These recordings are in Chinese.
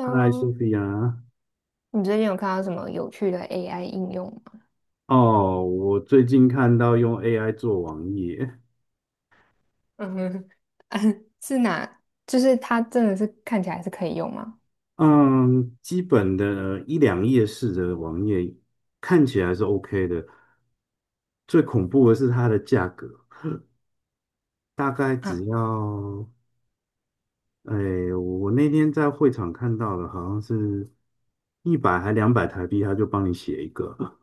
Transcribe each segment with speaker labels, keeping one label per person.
Speaker 1: 嗨，苏 菲亚。
Speaker 2: 你最近有看到什么有趣的 AI 应用吗？
Speaker 1: 哦，我最近看到用 AI 做网页，
Speaker 2: 嗯哼，嗯是哪？就是它真的是看起来是可以用吗？
Speaker 1: 嗯，基本的一两页式的网页看起来是 OK 的。最恐怖的是它的价格，大概
Speaker 2: 啊，
Speaker 1: 只要，哎，我那天在会场看到的，好像是一百还两百台币，他就帮你写一个。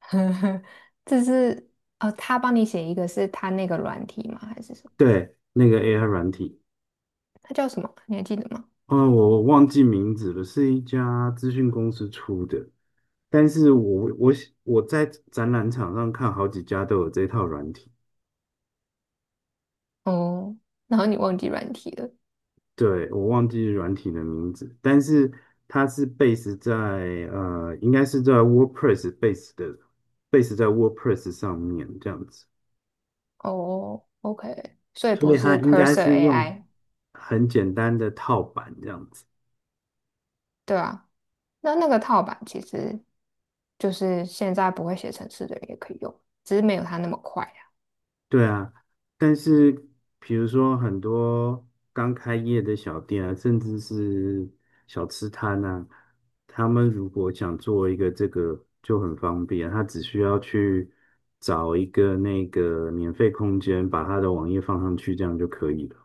Speaker 2: 这是哦，他帮你写一个是他那个软体吗？还是什么？
Speaker 1: 对，那个 AI 软体，
Speaker 2: 他叫什么？你还记得吗？
Speaker 1: 哦，我忘记名字了，是一家资讯公司出的。但是我我在展览场上看好几家都有这套软体。
Speaker 2: 哦，然后你忘记软体了。
Speaker 1: 对，我忘记软体的名字，但是它是 base 在应该是在 WordPress base 在 WordPress 上面这样子，
Speaker 2: 哦，OK，所以
Speaker 1: 所
Speaker 2: 不
Speaker 1: 以它
Speaker 2: 是
Speaker 1: 应该
Speaker 2: Cursor
Speaker 1: 是用
Speaker 2: AI，
Speaker 1: 很简单的套版这样子。
Speaker 2: 对啊。那个套版其实就是现在不会写程式的人也可以用，只是没有它那么快。
Speaker 1: 对啊，但是比如说很多刚开业的小店啊，甚至是小吃摊啊，他们如果想做一个这个就很方便，他只需要去找一个那个免费空间，把他的网页放上去，这样就可以了。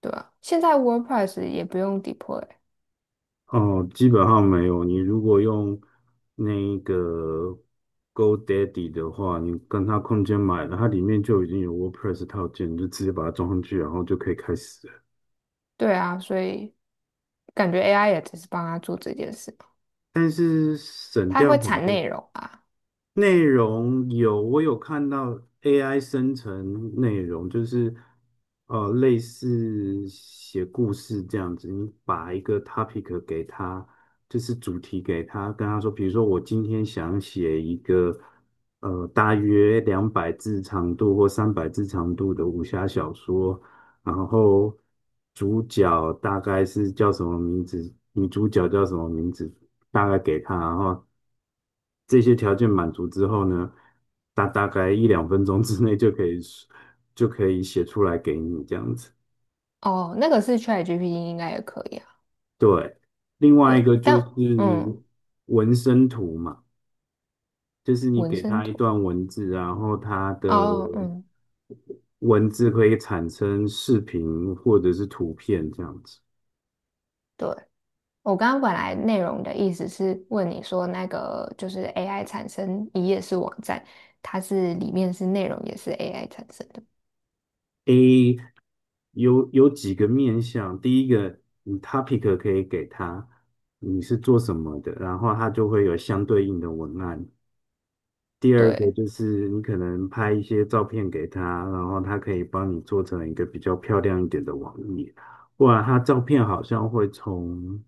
Speaker 2: 对啊，现在 WordPress 也不用 deploy，
Speaker 1: 哦，基本上没有。你如果用那个 GoDaddy 的话，你跟他空间买了，它里面就已经有 WordPress 套件，你就直接把它装上去，然后就可以开始了。
Speaker 2: 对啊，所以感觉 AI 也只是帮他做这件事嘛，
Speaker 1: 但是省
Speaker 2: 它
Speaker 1: 掉
Speaker 2: 会
Speaker 1: 很
Speaker 2: 产
Speaker 1: 多。
Speaker 2: 内容啊。
Speaker 1: 内容有，我有看到 AI 生成内容，就是类似写故事这样子，你把一个 topic 给他，就是主题给他，跟他说，比如说我今天想写一个大约两百字长度或三百字长度的武侠小说，然后主角大概是叫什么名字，女主角叫什么名字，大概给他，然后这些条件满足之后呢，大概一两分钟之内就可以写出来给你这样子。
Speaker 2: 哦，那个是 ChatGPT 应该也可以啊。
Speaker 1: 对，另外一
Speaker 2: 对，
Speaker 1: 个就是
Speaker 2: 但嗯，
Speaker 1: 纹身图嘛，就是你
Speaker 2: 纹
Speaker 1: 给
Speaker 2: 身
Speaker 1: 他一
Speaker 2: 图
Speaker 1: 段文字，然后他的
Speaker 2: 哦，嗯，
Speaker 1: 文字可以产生视频或者是图片这样子。
Speaker 2: 对，我刚刚本来内容的意思是问你说那个就是 AI 产生一页是网站，它是里面是内容也是 AI 产生的，
Speaker 1: A 有几个面向，第一个你 topic 可以给他，你是做什么的，然后他就会有相对应的文案。第二个
Speaker 2: 对，
Speaker 1: 就是你可能拍一些照片给他，然后他可以帮你做成一个比较漂亮一点的网页，不然他照片好像会从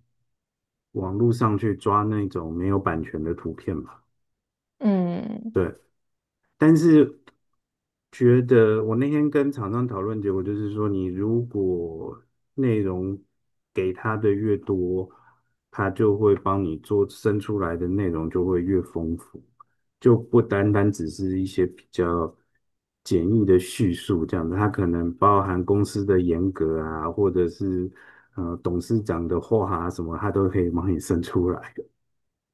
Speaker 1: 网络上去抓那种没有版权的图片吧？
Speaker 2: 嗯。
Speaker 1: 对，但是觉得我那天跟厂商讨论，结果就是说，你如果内容给他的越多，他就会帮你做生出来的内容就会越丰富，就不单单只是一些比较简易的叙述这样子，他可能包含公司的严格啊，或者是董事长的话啊什么，他都可以帮你生出来的。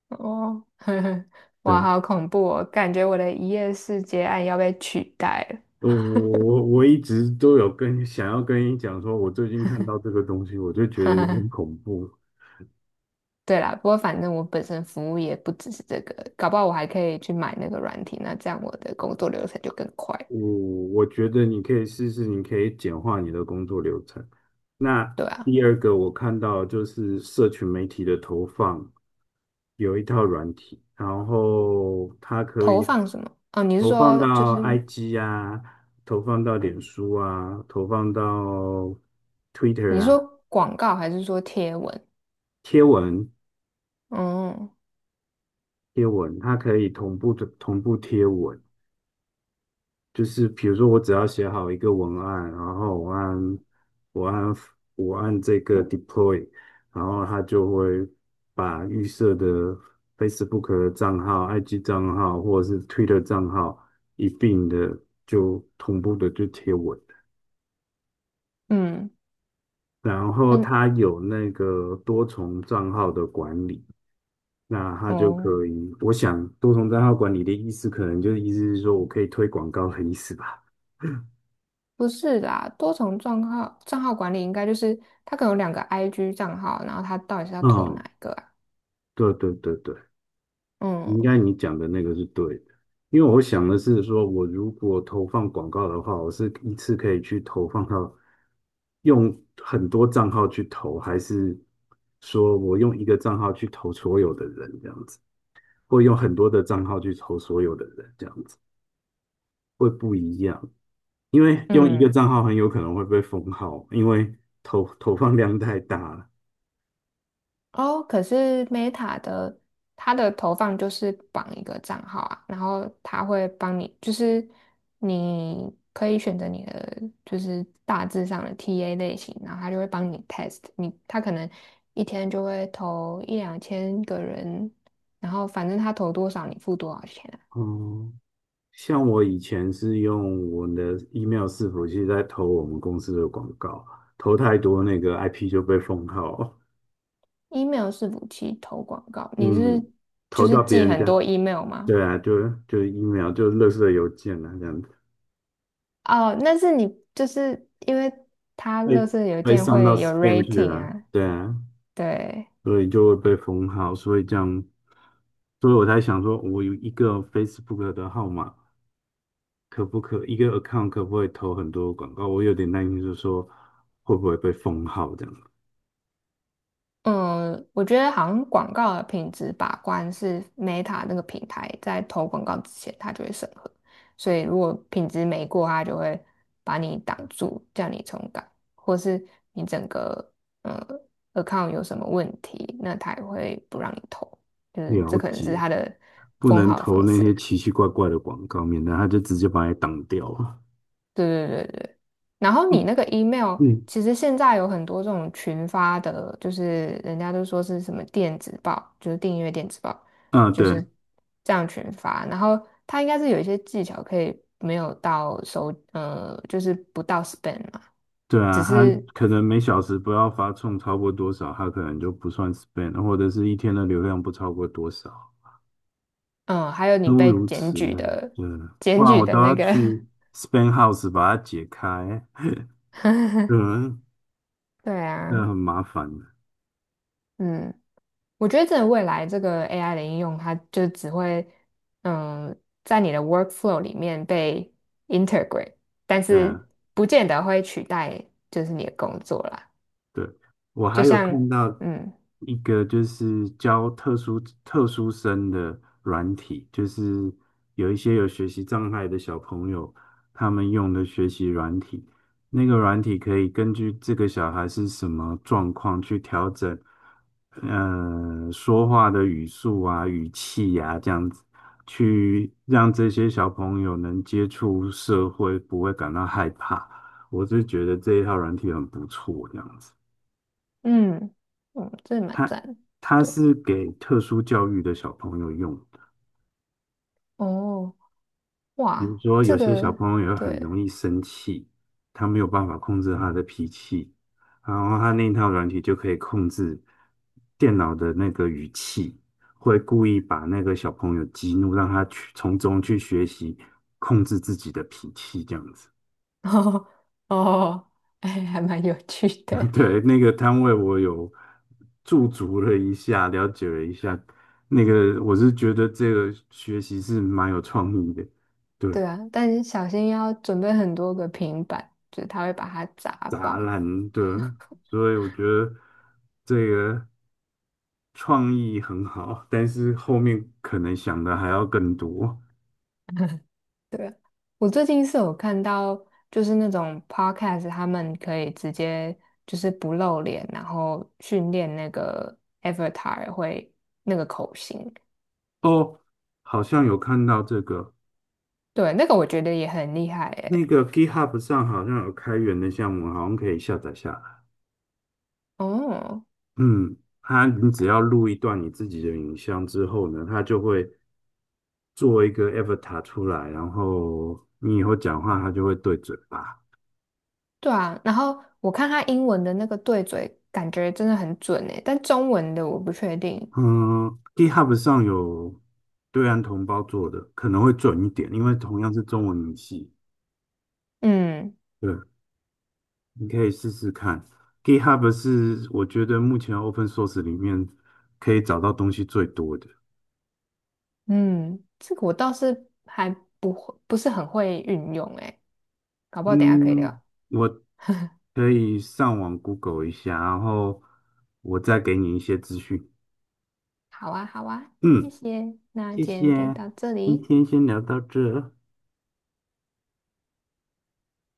Speaker 2: 哦，呵呵，哇，
Speaker 1: 对。
Speaker 2: 好恐怖哦！感觉我的一夜式接案要被取代了。
Speaker 1: 我一直都有想要跟你讲说，我最近看到这个东西，我就觉
Speaker 2: 哈
Speaker 1: 得有
Speaker 2: 哈，
Speaker 1: 点恐怖。
Speaker 2: 对啦，不过反正我本身服务也不只是这个，搞不好我还可以去买那个软体，那这样我的工作流程就更快。
Speaker 1: 我我觉得你可以试试，你可以简化你的工作流程。那
Speaker 2: 对啊，
Speaker 1: 第二个我看到就是社群媒体的投放，有一套软体，然后它可
Speaker 2: 投
Speaker 1: 以
Speaker 2: 放什么？哦，你是
Speaker 1: 投放
Speaker 2: 说就
Speaker 1: 到
Speaker 2: 是
Speaker 1: IG 啊，投放到脸书啊，投放到 Twitter
Speaker 2: 你是说
Speaker 1: 啊，
Speaker 2: 广告还是说贴文？
Speaker 1: 贴文。
Speaker 2: 哦，
Speaker 1: 贴文，它可以同步贴文。就是比如说，我只要写好一个文案，然后我按我按这个 deploy，然后它就会把预设的 Facebook 的账号、IG 账号或者是 Twitter 账号一并的就同步的就贴文，
Speaker 2: 嗯
Speaker 1: 然后
Speaker 2: 嗯，
Speaker 1: 它有那个多重账号的管理。那它就
Speaker 2: 哦，
Speaker 1: 可以，我想多重账号管理的意思，可能就是意思是说我可以推广告的意思吧。
Speaker 2: 不是啦，多重账号管理应该就是它可能有两个 IG 账号，然后它到底是要投哪
Speaker 1: 嗯，
Speaker 2: 一个啊？
Speaker 1: 对对对对。应
Speaker 2: 嗯
Speaker 1: 该你讲的那个是对的，因为我想的是说，我如果投放广告的话，我是一次可以去投放到用很多账号去投，还是说我用一个账号去投所有的人这样子，或用很多的账号去投所有的人这样子，会不一样。因为用一个
Speaker 2: 嗯。
Speaker 1: 账号很有可能会被封号，因为投放量太大了。
Speaker 2: 哦，可是 Meta 的它的投放就是绑一个账号啊，然后它会帮你，就是你可以选择你的就是大致上的 TA 类型，然后它就会帮你 test 你，它可能一天就会投一两千个人，然后反正它投多少你付多少钱啊。
Speaker 1: 哦，像我以前是用我的 email 伺服器在投我们公司的广告，投太多那个 IP 就被封号。
Speaker 2: email 是武器投广告，你是
Speaker 1: 嗯，
Speaker 2: 就
Speaker 1: 投
Speaker 2: 是
Speaker 1: 到别
Speaker 2: 寄
Speaker 1: 人
Speaker 2: 很
Speaker 1: 家，
Speaker 2: 多 email 吗？
Speaker 1: 对啊，就 email 就垃圾邮件啊，这样子
Speaker 2: 哦，那是你就是因为它乐
Speaker 1: 被
Speaker 2: 圾邮
Speaker 1: 被
Speaker 2: 件
Speaker 1: 上到
Speaker 2: 会有
Speaker 1: spam 去
Speaker 2: rating
Speaker 1: 了，
Speaker 2: 啊，
Speaker 1: 对啊，
Speaker 2: 对，
Speaker 1: 所以就会被封号，所以这样，所以我才想说，我有一个 Facebook 的号码，可不可一个 account 可不可以投很多广告？我有点担心，就是说会不会被封号这样。
Speaker 2: 嗯，我觉得好像广告的品质把关是 Meta 那个平台在投广告之前，它就会审核，所以如果品质没过，它就会把你挡住，叫你重改，或是你整个呃 account 有什么问题，那它也会不让你投，就是
Speaker 1: 了
Speaker 2: 这可能是
Speaker 1: 解，
Speaker 2: 它的
Speaker 1: 不
Speaker 2: 封
Speaker 1: 能
Speaker 2: 号的
Speaker 1: 投
Speaker 2: 方
Speaker 1: 那些
Speaker 2: 式。
Speaker 1: 奇奇怪怪的广告，免得他就直接把你挡掉了。
Speaker 2: 对对对对，然后你那
Speaker 1: 嗯，
Speaker 2: 个 email，
Speaker 1: 嗯，
Speaker 2: 其实现在有很多这种群发的，就是人家都说是什么电子报，就是订阅电子报，
Speaker 1: 啊，
Speaker 2: 就是
Speaker 1: 对
Speaker 2: 这样群发。然后它应该是有一些技巧可以没有到收，就是不到 spam 嘛，
Speaker 1: 对
Speaker 2: 只
Speaker 1: 啊，他
Speaker 2: 是
Speaker 1: 可能每小时不要发送超过多少，他可能就不算 s p e n d， 或者是一天的流量不超过多少，
Speaker 2: 还有你
Speaker 1: 诸
Speaker 2: 被
Speaker 1: 如
Speaker 2: 检
Speaker 1: 此
Speaker 2: 举
Speaker 1: 类
Speaker 2: 的，
Speaker 1: 的，不
Speaker 2: 检
Speaker 1: 然
Speaker 2: 举
Speaker 1: 我
Speaker 2: 的
Speaker 1: 都要
Speaker 2: 那个
Speaker 1: 去 s p e n d house 把它解开。嗯，
Speaker 2: 对
Speaker 1: 这
Speaker 2: 啊，
Speaker 1: 很麻烦的。
Speaker 2: 嗯。我觉得真的未来这个 AI 的应用，它就只会嗯，在你的 workflow 里面被 integrate，但
Speaker 1: 对
Speaker 2: 是
Speaker 1: 啊，
Speaker 2: 不见得会取代就是你的工作啦。
Speaker 1: 对，我
Speaker 2: 就
Speaker 1: 还有
Speaker 2: 像
Speaker 1: 看到
Speaker 2: 嗯
Speaker 1: 一个就是教特殊生的软体，就是有一些有学习障碍的小朋友，他们用的学习软体，那个软体可以根据这个小孩是什么状况去调整，说话的语速啊、语气啊，这样子，去让这些小朋友能接触社会，不会感到害怕。我是觉得这一套软体很不错，这样子。
Speaker 2: 嗯嗯，这蛮
Speaker 1: 它
Speaker 2: 赞的，
Speaker 1: 它
Speaker 2: 对
Speaker 1: 是给特殊教育的小朋友用的，
Speaker 2: 哦
Speaker 1: 比如
Speaker 2: 哇，
Speaker 1: 说有
Speaker 2: 这
Speaker 1: 些小
Speaker 2: 个
Speaker 1: 朋友很
Speaker 2: 对
Speaker 1: 容易生气，他没有办法控制他的脾气，然后他那一套软体就可以控制电脑的那个语气，会故意把那个小朋友激怒，让他去从中去学习控制自己的脾气，这样子。
Speaker 2: 哦哦，哎，还蛮有趣 的，
Speaker 1: 对，那个摊位我有驻足了一下，了解了一下。那个我是觉得这个学习是蛮有创意的，对，
Speaker 2: 对啊，但是小心要准备很多个平板，就是它会把它砸
Speaker 1: 杂
Speaker 2: 爆。
Speaker 1: 烂，的，所以我觉得这个创意很好，但是后面可能想的还要更多。
Speaker 2: 对，我最近是有看到，就是那种 podcast，他们可以直接就是不露脸，然后训练那个 avatar 会那个口型，
Speaker 1: 哦，好像有看到这个，
Speaker 2: 对，那个我觉得也很厉害
Speaker 1: 那
Speaker 2: 诶。
Speaker 1: 个 GitHub 上好像有开源的项目，好像可以下载下来。
Speaker 2: 哦，
Speaker 1: 嗯，它你只要录一段你自己的影像之后呢，它就会做一个 avatar 出来，然后你以后讲话，它就会对嘴巴。
Speaker 2: 对啊，然后我看他英文的那个对嘴，感觉真的很准诶，但中文的我不确定。
Speaker 1: 嗯，GitHub 上有对岸同胞做的，可能会准一点，因为同样是中文语系。
Speaker 2: 嗯
Speaker 1: 对，你可以试试看。GitHub 是我觉得目前 open source 里面可以找到东西最多的。
Speaker 2: 嗯，这个我倒是还不会，不是很会运用诶，搞不好等一下可以
Speaker 1: 嗯，
Speaker 2: 聊。
Speaker 1: 我可以上网 Google 一下，然后我再给你一些资讯。
Speaker 2: 好啊，好啊，谢
Speaker 1: 嗯，
Speaker 2: 谢，那
Speaker 1: 谢
Speaker 2: 今天就
Speaker 1: 谢，
Speaker 2: 到这
Speaker 1: 今
Speaker 2: 里，
Speaker 1: 天先聊到这，